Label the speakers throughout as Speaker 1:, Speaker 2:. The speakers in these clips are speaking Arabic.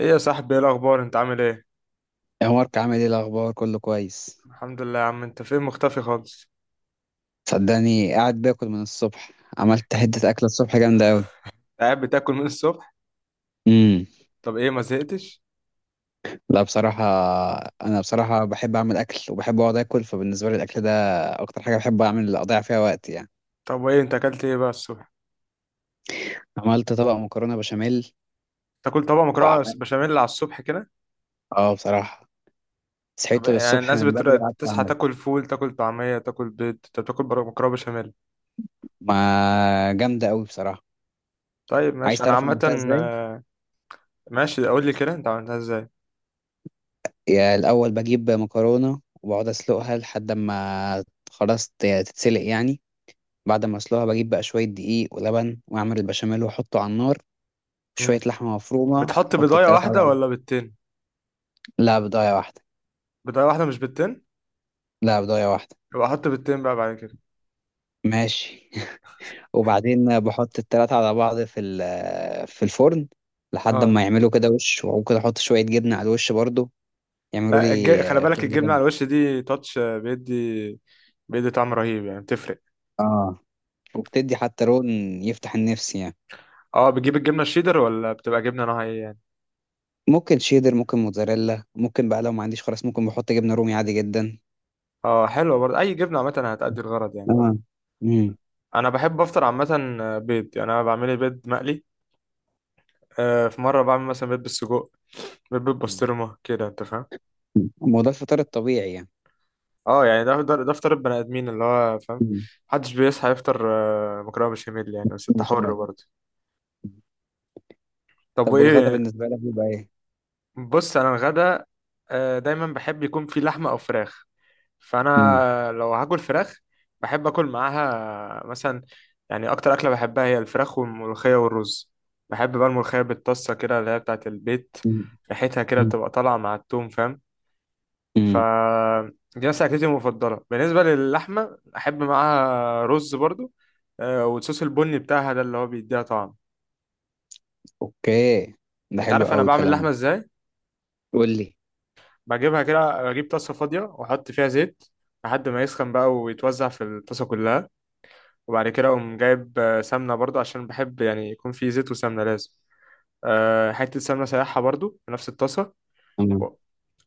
Speaker 1: ايه يا صاحبي، ايه الاخبار؟ انت عامل ايه؟
Speaker 2: يا مارك، عامل ايه؟ الاخبار كله كويس.
Speaker 1: الحمد لله يا عم. انت فين مختفي خالص؟
Speaker 2: صدقني، قاعد باكل من الصبح. عملت حته اكله الصبح جامده قوي.
Speaker 1: قاعد بتاكل من الصبح؟
Speaker 2: امم.
Speaker 1: طب ايه، ما زهقتش؟
Speaker 2: لا، بصراحه. انا بصراحه بحب اعمل اكل وبحب اقعد اكل، فبالنسبه لي الاكل ده اكتر حاجه بحب اعمل اضيع فيها وقت يعني.
Speaker 1: طب وايه، انت اكلت ايه بقى الصبح؟
Speaker 2: عملت طبق مكرونه بشاميل.
Speaker 1: تاكل طبق مكرونه
Speaker 2: وعملت،
Speaker 1: بشاميل على الصبح كده؟
Speaker 2: اه بصراحه
Speaker 1: طب
Speaker 2: صحيت
Speaker 1: يعني
Speaker 2: الصبح
Speaker 1: الناس
Speaker 2: من بدري، قعدت
Speaker 1: بتصحى
Speaker 2: اعمل.
Speaker 1: تاكل فول، تاكل طعميه، تاكل بيض، انت بتاكل مكرونه بشاميل؟
Speaker 2: ما جامده قوي بصراحه.
Speaker 1: طيب
Speaker 2: عايز
Speaker 1: ماشي، انا
Speaker 2: تعرف
Speaker 1: عامه.
Speaker 2: عملتها ازاي؟
Speaker 1: آه، ماشي، قول لي كده انت عملتها ازاي.
Speaker 2: يا، الاول بجيب مكرونه وبقعد اسلقها لحد ما خلاص تتسلق يعني. بعد ما اسلقها بجيب بقى شويه دقيق ولبن واعمل البشاميل واحطه على النار. شويه
Speaker 1: امم.
Speaker 2: لحمه مفرومه،
Speaker 1: بتحط
Speaker 2: احط
Speaker 1: بيضايه
Speaker 2: التلاتة على
Speaker 1: واحده
Speaker 2: بعض.
Speaker 1: ولا بيضتين؟
Speaker 2: لا، بضايه واحده.
Speaker 1: بيضايه واحده مش بيضتين؟
Speaker 2: لا، بضايه واحده.
Speaker 1: يبقى احط بيضتين بقى بعد كده.
Speaker 2: ماشي. وبعدين بحط التلاتة على بعض في الفرن، لحد
Speaker 1: اه،
Speaker 2: ما يعملوا كده وش. وممكن احط شويه جبنه على الوش برضو، يعملوا
Speaker 1: لا،
Speaker 2: لي
Speaker 1: خلي بالك
Speaker 2: شغل
Speaker 1: الجبنة على
Speaker 2: جامد.
Speaker 1: الوش دي تاتش بيدي. بيدي طعم رهيب، يعني بتفرق.
Speaker 2: اه، وبتدي حتى لون يفتح النفس يعني.
Speaker 1: اه، بتجيب الجبنة الشيدر ولا بتبقى جبنة نوعها ايه يعني؟
Speaker 2: ممكن شيدر، ممكن موتزاريلا، ممكن بقى لو ما عنديش خلاص ممكن بحط جبنه رومي عادي جدا.
Speaker 1: اه، حلوة برضه، اي جبنة عامة هتأدي الغرض يعني.
Speaker 2: اه. امم.
Speaker 1: انا بحب افطر عامة بيض، يعني انا بعمل لي بيض مقلي. في مرة بعمل مثلا بيض بالسجق. بيض بالبسطرمة كده، انت فاهم؟
Speaker 2: مم. ما هو ده الفطار الطبيعي يعني.
Speaker 1: اه، يعني ده فطار البني ادمين، اللي هو فاهم.
Speaker 2: مم.
Speaker 1: محدش بيصحى يفطر مكرونة بشاميل يعني، بس انت حر
Speaker 2: بشاميل.
Speaker 1: برضه.
Speaker 2: مم.
Speaker 1: طب
Speaker 2: طب والغدا
Speaker 1: وايه؟
Speaker 2: بالنسبة لك بيبقى ايه؟
Speaker 1: بص، انا الغدا دايما بحب يكون في لحمة او فراخ.
Speaker 2: مم.
Speaker 1: فانا لو هاكل فراخ، بحب اكل معاها مثلا. يعني اكتر اكله بحبها هي الفراخ والملوخيه والرز. بحب بقى الملوخيه بالطاسه كده، اللي هي بتاعه البيت.
Speaker 2: مم.
Speaker 1: ريحتها كده
Speaker 2: مم.
Speaker 1: بتبقى طالعه مع التوم، فاهم؟ ف
Speaker 2: مم.
Speaker 1: دي مثلا اكلتي المفضله. بالنسبه للحمه، احب معاها رز برضو والصوص البني بتاعها ده اللي هو بيديها طعم.
Speaker 2: اوكي، ده
Speaker 1: انت
Speaker 2: حلو
Speaker 1: عارف انا
Speaker 2: قوي
Speaker 1: بعمل
Speaker 2: الكلام
Speaker 1: اللحمه
Speaker 2: ده.
Speaker 1: ازاي؟
Speaker 2: قول لي.
Speaker 1: بجيبها كده، بجيب طاسه فاضيه واحط فيها زيت، لحد ما يسخن بقى ويتوزع في الطاسه كلها. وبعد كده اقوم جايب سمنه برضو، عشان بحب يعني يكون في زيت وسمنه لازم. حته سمنه سايحه برضو في نفس الطاسه.
Speaker 2: تمام.
Speaker 1: و-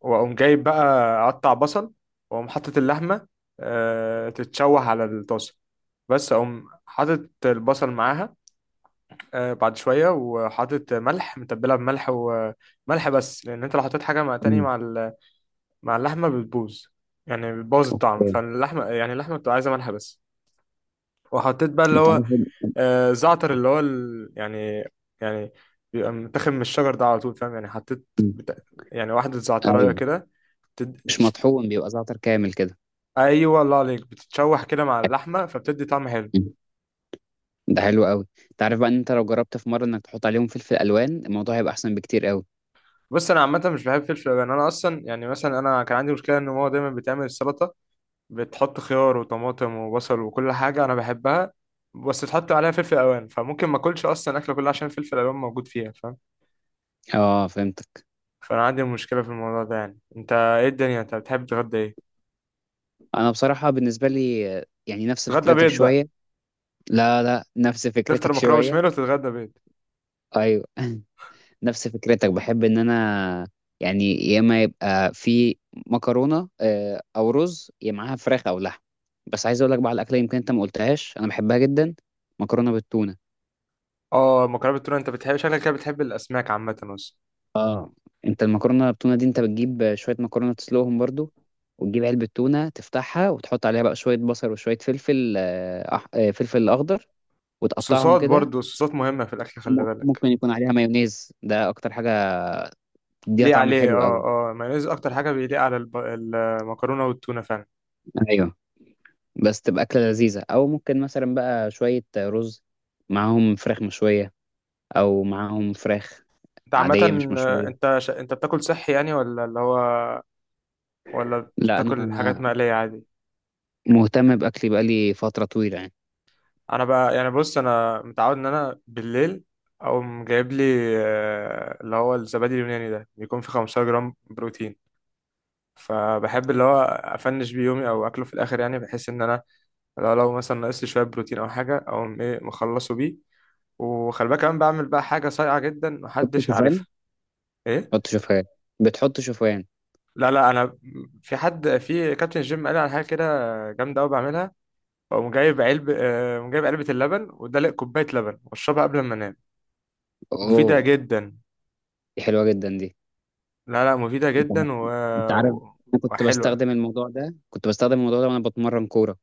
Speaker 1: واقوم جايب بقى، اقطع بصل، واقوم حاطط اللحمه تتشوح على الطاسه. بس اقوم حاطط البصل معاها بعد شويه، وحاطط ملح، متبلها بملح وملح بس، لان انت لو حطيت حاجه مع تاني
Speaker 2: مم.
Speaker 1: مع مع اللحمه بتبوظ. يعني بتبوظ الطعم،
Speaker 2: اوكي.
Speaker 1: فاللحمه يعني اللحمه بتبقى عايزه ملح بس. وحطيت بقى اللي
Speaker 2: انت
Speaker 1: هو
Speaker 2: عارف
Speaker 1: زعتر، اللي هو يعني، يعني بيبقى متاخد من الشجر ده على طول، فاهم؟ يعني حطيت
Speaker 2: مم.
Speaker 1: بتا... يعني واحدة زعتراية
Speaker 2: ايوه.
Speaker 1: كده. تد...
Speaker 2: مش
Speaker 1: تشت...
Speaker 2: مطحون، بيبقى زعتر كامل كده.
Speaker 1: أيوة، الله عليك، بتتشوح كده مع اللحمة فبتدي طعم حلو.
Speaker 2: مم. ده حلو قوي. انت عارف بقى ان انت لو جربت في مرة انك تحط عليهم فلفل الوان، الموضوع هيبقى احسن بكتير قوي.
Speaker 1: بص، أنا عامة مش بحب فلفل ألوان، أنا أصلا يعني مثلا أنا كان عندي مشكلة إن ماما دايما بتعمل السلطة، بتحط خيار وطماطم وبصل وكل حاجة أنا بحبها، بس تحط عليها فلفل ألوان، فممكن ما أكلش أصلا أكلة كلها عشان فلفل ألوان موجود فيها، فاهم؟
Speaker 2: اه، فهمتك.
Speaker 1: فأنا عندي مشكلة في الموضوع ده، يعني أنت إيه الدنيا، أنت بتحب تتغدى إيه؟
Speaker 2: انا بصراحة بالنسبة لي، يعني نفس
Speaker 1: تتغدى
Speaker 2: فكرتك
Speaker 1: بيض بقى؟
Speaker 2: شوية. لا، لا، نفس
Speaker 1: تفطر
Speaker 2: فكرتك
Speaker 1: مكرونه
Speaker 2: شوية.
Speaker 1: بشاميل وتتغدى بيض؟
Speaker 2: ايوه. نفس فكرتك. بحب ان انا يعني، يا اما يبقى في مكرونه، او رز، يا معاها فراخ او لحم. بس عايز اقول لك بقى على الاكله، يمكن انت ما قلتهاش انا بحبها جدا. مكرونه بالتونه.
Speaker 1: اه، مكرونه بالتونه، انت بتحب، شكلك كده بتحب الاسماك عامه اصلا.
Speaker 2: انت المكرونه بالتونه دي، انت بتجيب شويه مكرونه تسلقهم برضو، وتجيب علبه تونه تفتحها وتحط عليها بقى شويه بصل وشويه فلفل آه، أح... آه، فلفل اخضر، وتقطعهم
Speaker 1: والصوصات
Speaker 2: كده.
Speaker 1: برضو، الصوصات مهمه في الاكل، خلي بالك.
Speaker 2: ممكن يكون عليها مايونيز، ده اكتر حاجه تديها
Speaker 1: تليق
Speaker 2: طعم
Speaker 1: عليه،
Speaker 2: حلو قوي.
Speaker 1: اه، اه، مايونيز اكتر حاجه بيليق على المكرونه والتونه فعلا.
Speaker 2: ايوه. بس تبقى أكلة لذيذة، أو ممكن مثلا بقى شوية رز معاهم فراخ مشوية، أو معاهم فراخ
Speaker 1: انت عامه،
Speaker 2: عادية مش مشوية.
Speaker 1: انت بتاكل صحي يعني، ولا اللي هو، ولا
Speaker 2: لا،
Speaker 1: بتاكل حاجات
Speaker 2: أنا
Speaker 1: مقليه عادي؟
Speaker 2: مهتم بأكلي بقالي فترة طويلة يعني.
Speaker 1: انا بقى يعني بص، انا متعود ان انا بالليل اقوم جايب لي اللي هو الزبادي اليوناني ده بيكون فيه 15 جرام بروتين. فبحب اللي هو افنش بيه يومي او اكله في الاخر، يعني بحيث ان انا لو مثلا ناقص لي شويه بروتين او حاجه او ايه، مخلصه بيه. وخلي بالك كمان بعمل بقى حاجه صايعه جدا،
Speaker 2: حط
Speaker 1: محدش عارفها.
Speaker 2: شوفان
Speaker 1: ايه؟
Speaker 2: حط شوفان. بتحط شوفان؟
Speaker 1: لا، لا، انا في حد في كابتن الجيم قال لي على حاجه كده، جامده قوي، بعملها. اقوم جايب علب آه، قوم جايب علبه اللبن، ودلق كوبايه لبن واشربها قبل ما انام. مفيده
Speaker 2: أوه.
Speaker 1: جدا.
Speaker 2: دي حلوة جدا دي.
Speaker 1: لا، لا، مفيده
Speaker 2: أنت
Speaker 1: جدا
Speaker 2: أنت عارف. أنا كنت
Speaker 1: وحلوه.
Speaker 2: بستخدم الموضوع ده كنت بستخدم الموضوع ده وأنا بتمرن كورة.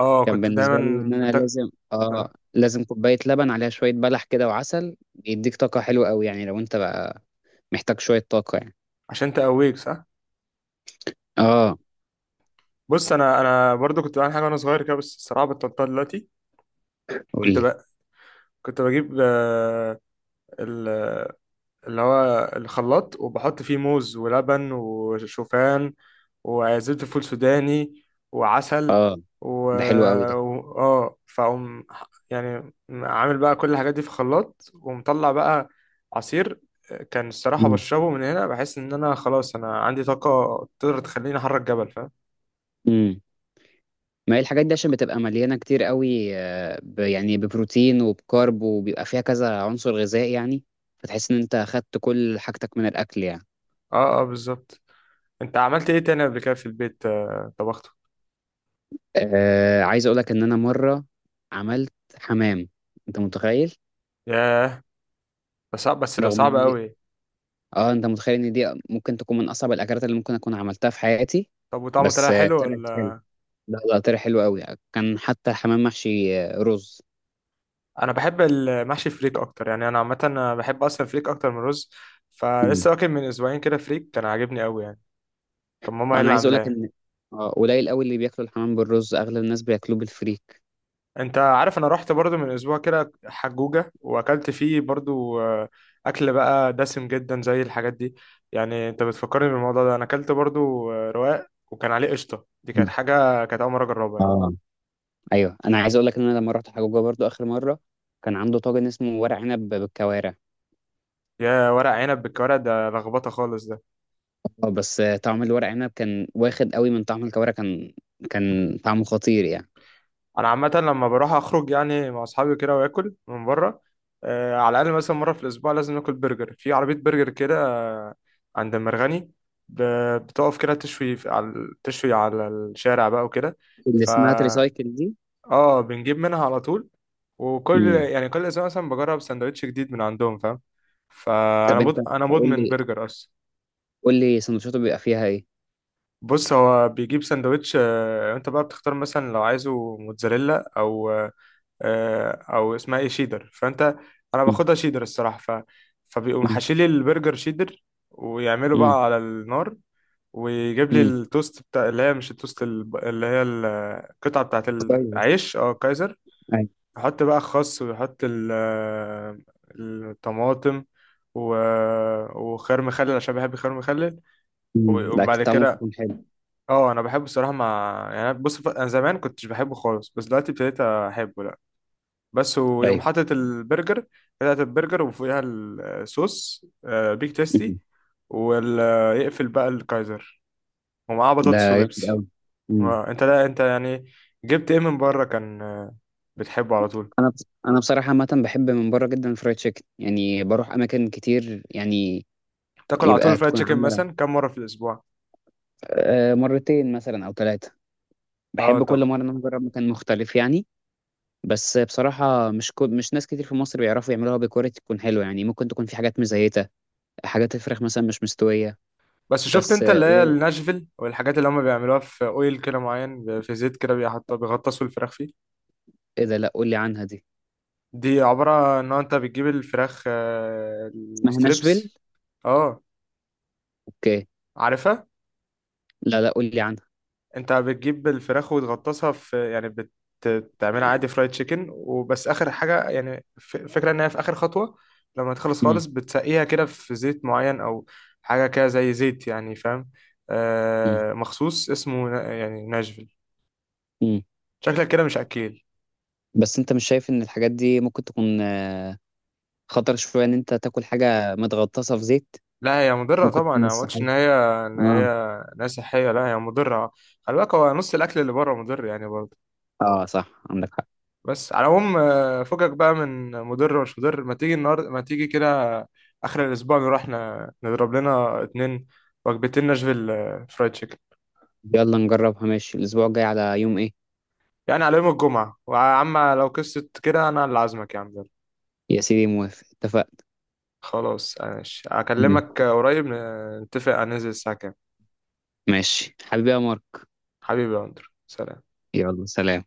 Speaker 1: اه،
Speaker 2: كان
Speaker 1: كنت
Speaker 2: بالنسبة لي
Speaker 1: دايما
Speaker 2: إن أنا لازم آه
Speaker 1: آه،
Speaker 2: لازم كوباية لبن عليها شوية بلح كده وعسل. يديك طاقة حلوة أوي، يعني لو أنت بقى محتاج شوية طاقة يعني.
Speaker 1: عشان تقويك صح.
Speaker 2: آه،
Speaker 1: بص، انا برضو كنت بعمل حاجه وانا صغير كده، بس الصراحه بطلتها دلوقتي.
Speaker 2: قُل
Speaker 1: كنت
Speaker 2: لي.
Speaker 1: بقى، كنت بجيب ال- اللي هو الخلاط، وبحط فيه موز ولبن وشوفان، وزبده فول سوداني، وعسل
Speaker 2: آه،
Speaker 1: و
Speaker 2: ده حلو أوي ده.
Speaker 1: اه، يعني عامل بقى كل الحاجات دي في خلاط، ومطلع بقى عصير. كان الصراحه
Speaker 2: إمم،
Speaker 1: بشربه من هنا، بحس ان انا خلاص انا عندي طاقه تقدر تخليني احرك جبل، فاهم؟
Speaker 2: إمم. ما هي الحاجات دي عشان بتبقى مليانة كتير أوي، ب يعني ببروتين وبكارب، وبيبقى فيها كذا عنصر غذائي يعني، فتحس إن أنت أخدت كل حاجتك من الأكل يعني.
Speaker 1: اه، اه، بالظبط. انت عملت ايه تاني قبل كده في البيت طبخته؟
Speaker 2: عايز أقول لك إن أنا مرّة عملت حمام، أنت متخيّل؟
Speaker 1: ياه، ده صعب، بس ده
Speaker 2: رغم
Speaker 1: صعب
Speaker 2: إن دي
Speaker 1: قوي.
Speaker 2: آه، أنت متخيّل إن دي ممكن تكون من أصعب الأكلات اللي ممكن أكون عملتها في حياتي.
Speaker 1: طب وطعمه طلع
Speaker 2: بس
Speaker 1: حلو
Speaker 2: طلعت حلوة.
Speaker 1: ولا؟
Speaker 2: لا، لا، طلع حلو أوي، كان حتى حمام محشي رُز.
Speaker 1: انا بحب المحشي فريك اكتر، يعني انا عامه انا بحب اصلا فريك اكتر من رز.
Speaker 2: إمم.
Speaker 1: فلسه واكل من اسبوعين كده فريك، كان عاجبني قوي يعني. كان ماما هي
Speaker 2: انا
Speaker 1: اللي
Speaker 2: عايز اقول لك
Speaker 1: عاملاه.
Speaker 2: ان قليل قوي اللي بياكلوا الحمام بالرز، اغلب الناس بياكلوه بالفريك.
Speaker 1: انت عارف انا رحت برضو من اسبوع كده حجوجة، واكلت فيه برضو اكل بقى دسم جدا زي الحاجات دي. يعني انت بتفكرني بالموضوع ده، انا اكلت برضو رواق وكان عليه قشطة. دي كانت
Speaker 2: مم.
Speaker 1: حاجة كانت أول مرة أجربها يعني.
Speaker 2: اه، ايوه، انا عايز اقول لك ان انا لما رحت حجوجه برضو اخر مره كان عنده طاجن اسمه ورق عنب بالكوارع.
Speaker 1: يا ورق عنب بالكوارع، ده لخبطه خالص ده.
Speaker 2: اه، بس طعم الورق عنب كان واخد قوي من طعم الكوارع. كان طعمه خطير يعني.
Speaker 1: انا عامه لما بروح اخرج يعني مع اصحابي كده، واكل من بره على الاقل مثلا مره في الاسبوع لازم ناكل برجر في عربيه برجر كده، آه، عند المرغني، بتقف كده تشوي على، تشوي على الشارع بقى وكده.
Speaker 2: اللي اسمها
Speaker 1: فا
Speaker 2: تريسايكل دي.
Speaker 1: اه، بنجيب منها على طول، وكل
Speaker 2: امم.
Speaker 1: يعني كل اسبوع مثلا بجرب سندوتش جديد من عندهم، فاهم؟
Speaker 2: طب انت،
Speaker 1: انا
Speaker 2: قول
Speaker 1: مدمن
Speaker 2: لي
Speaker 1: برجر اصلا.
Speaker 2: قول لي سندوتشاته بيبقى فيها ايه؟
Speaker 1: بص، هو بيجيب سندوتش انت بقى بتختار، مثلا لو عايزه موتزاريلا او او اسمها ايه، شيدر. فانت، انا باخدها شيدر الصراحه فبيقوم
Speaker 2: امم.
Speaker 1: حاشيلي البرجر شيدر، ويعمله
Speaker 2: امم.
Speaker 1: بقى على النار، ويجيب لي
Speaker 2: امم.
Speaker 1: التوست بتاع، اللي هي مش التوست اللي هي القطعه بتاعت
Speaker 2: كويس.
Speaker 1: العيش، اه، كايزر.
Speaker 2: ايوه.
Speaker 1: يحط بقى خس، ويحط الطماطم و... وخيار مخلل، عشان بحب خيار مخلل.
Speaker 2: امم. لا، كان
Speaker 1: وبعد
Speaker 2: طعمه
Speaker 1: كده،
Speaker 2: بيكون حلو.
Speaker 1: اه، انا بحبه الصراحه مع، يعني بص انا زمان كنتش بحبه خالص، بس دلوقتي ابتديت احبه، لا، بس ويوم
Speaker 2: ايوه.
Speaker 1: حاطط البرجر، بتاعت البرجر وفوقها الصوص بيك
Speaker 2: امم.
Speaker 1: تيستي. ويقفل بقى الكايزر، ومعاه
Speaker 2: ده
Speaker 1: بطاطس وبيبسي.
Speaker 2: جامد قوي.
Speaker 1: انت، لا انت يعني، جبت ايه من بره؟ كان بتحبه على طول؟
Speaker 2: انا انا بصراحه عامه بحب من بره جدا الفرايد تشيكن، يعني بروح اماكن كتير يعني.
Speaker 1: تاكل على طول
Speaker 2: يبقى
Speaker 1: الفرايد
Speaker 2: تكون
Speaker 1: تشيكن
Speaker 2: عامله
Speaker 1: مثلا كم مره في الاسبوع؟
Speaker 2: مرتين مثلا او ثلاثه.
Speaker 1: اه،
Speaker 2: بحب كل
Speaker 1: طب،
Speaker 2: مره ان انا اجرب مكان مختلف يعني. بس بصراحه مش ناس كتير في مصر بيعرفوا يعملوها بكواليتي تكون حلوه يعني. ممكن تكون في حاجات مزيته، حاجات الفراخ مثلا مش مستويه.
Speaker 1: بس شفت
Speaker 2: بس
Speaker 1: انت اللي هي
Speaker 2: قول.
Speaker 1: الناشفيل والحاجات اللي هم بيعملوها في اويل كده معين، في زيت كده بيحطوا بيغطسوا الفراخ فيه.
Speaker 2: ايه ده؟ لا، قول لي عنها دي.
Speaker 1: دي عبارة ان انت بتجيب الفراخ
Speaker 2: اسمها
Speaker 1: الستريبس.
Speaker 2: ناشفيل.
Speaker 1: اه،
Speaker 2: اوكي.
Speaker 1: عارفها.
Speaker 2: لا، لا، قول لي عنها.
Speaker 1: انت بتجيب الفراخ وتغطسها في، يعني بتعملها عادي فرايد تشيكن وبس، اخر حاجة يعني فكرة ان هي في اخر خطوة، لما تخلص
Speaker 2: مم.
Speaker 1: خالص بتسقيها كده في زيت معين، او حاجة كده زي زيت يعني، فاهم؟
Speaker 2: مم.
Speaker 1: مخصوص، اسمه يعني ناشفيل.
Speaker 2: مم.
Speaker 1: شكلك كده مش اكيل.
Speaker 2: بس انت مش شايف ان الحاجات دي ممكن تكون خطر شوية إن أنت تاكل حاجة متغطسة في زيت؟
Speaker 1: لا، هي مضرة
Speaker 2: ممكن
Speaker 1: طبعا،
Speaker 2: تكون مش
Speaker 1: انا ما قلتش
Speaker 2: صحية.
Speaker 1: ان هي ان
Speaker 2: آه.
Speaker 1: هي إن هي صحية، لا هي مضرة. خلي بالك، هو نص الاكل اللي بره مضر يعني برضه.
Speaker 2: آه، صح، عندك حق.
Speaker 1: بس على العموم فكك بقى من مضر ومش مضر، ما تيجي النهارده، ما تيجي كده، اخر الاسبوع نروح نضرب لنا 2 وجبتين ناشفيل فرايد تشيكن.
Speaker 2: يلا نجربها. ماشي، الأسبوع الجاي على يوم إيه؟
Speaker 1: يعني على يوم الجمعة، ويا عم لو قصة كده انا اللي عازمك يا عم، يلا.
Speaker 2: يا سيدي، موافق، اتفقنا.
Speaker 1: خلاص ماشي،
Speaker 2: ماشي.
Speaker 1: اكلمك قريب نتفق هننزل الساعة كام.
Speaker 2: ماشي حبيبي يا مارك.
Speaker 1: حبيبي يا اندرو، سلام.
Speaker 2: يلا، سلام.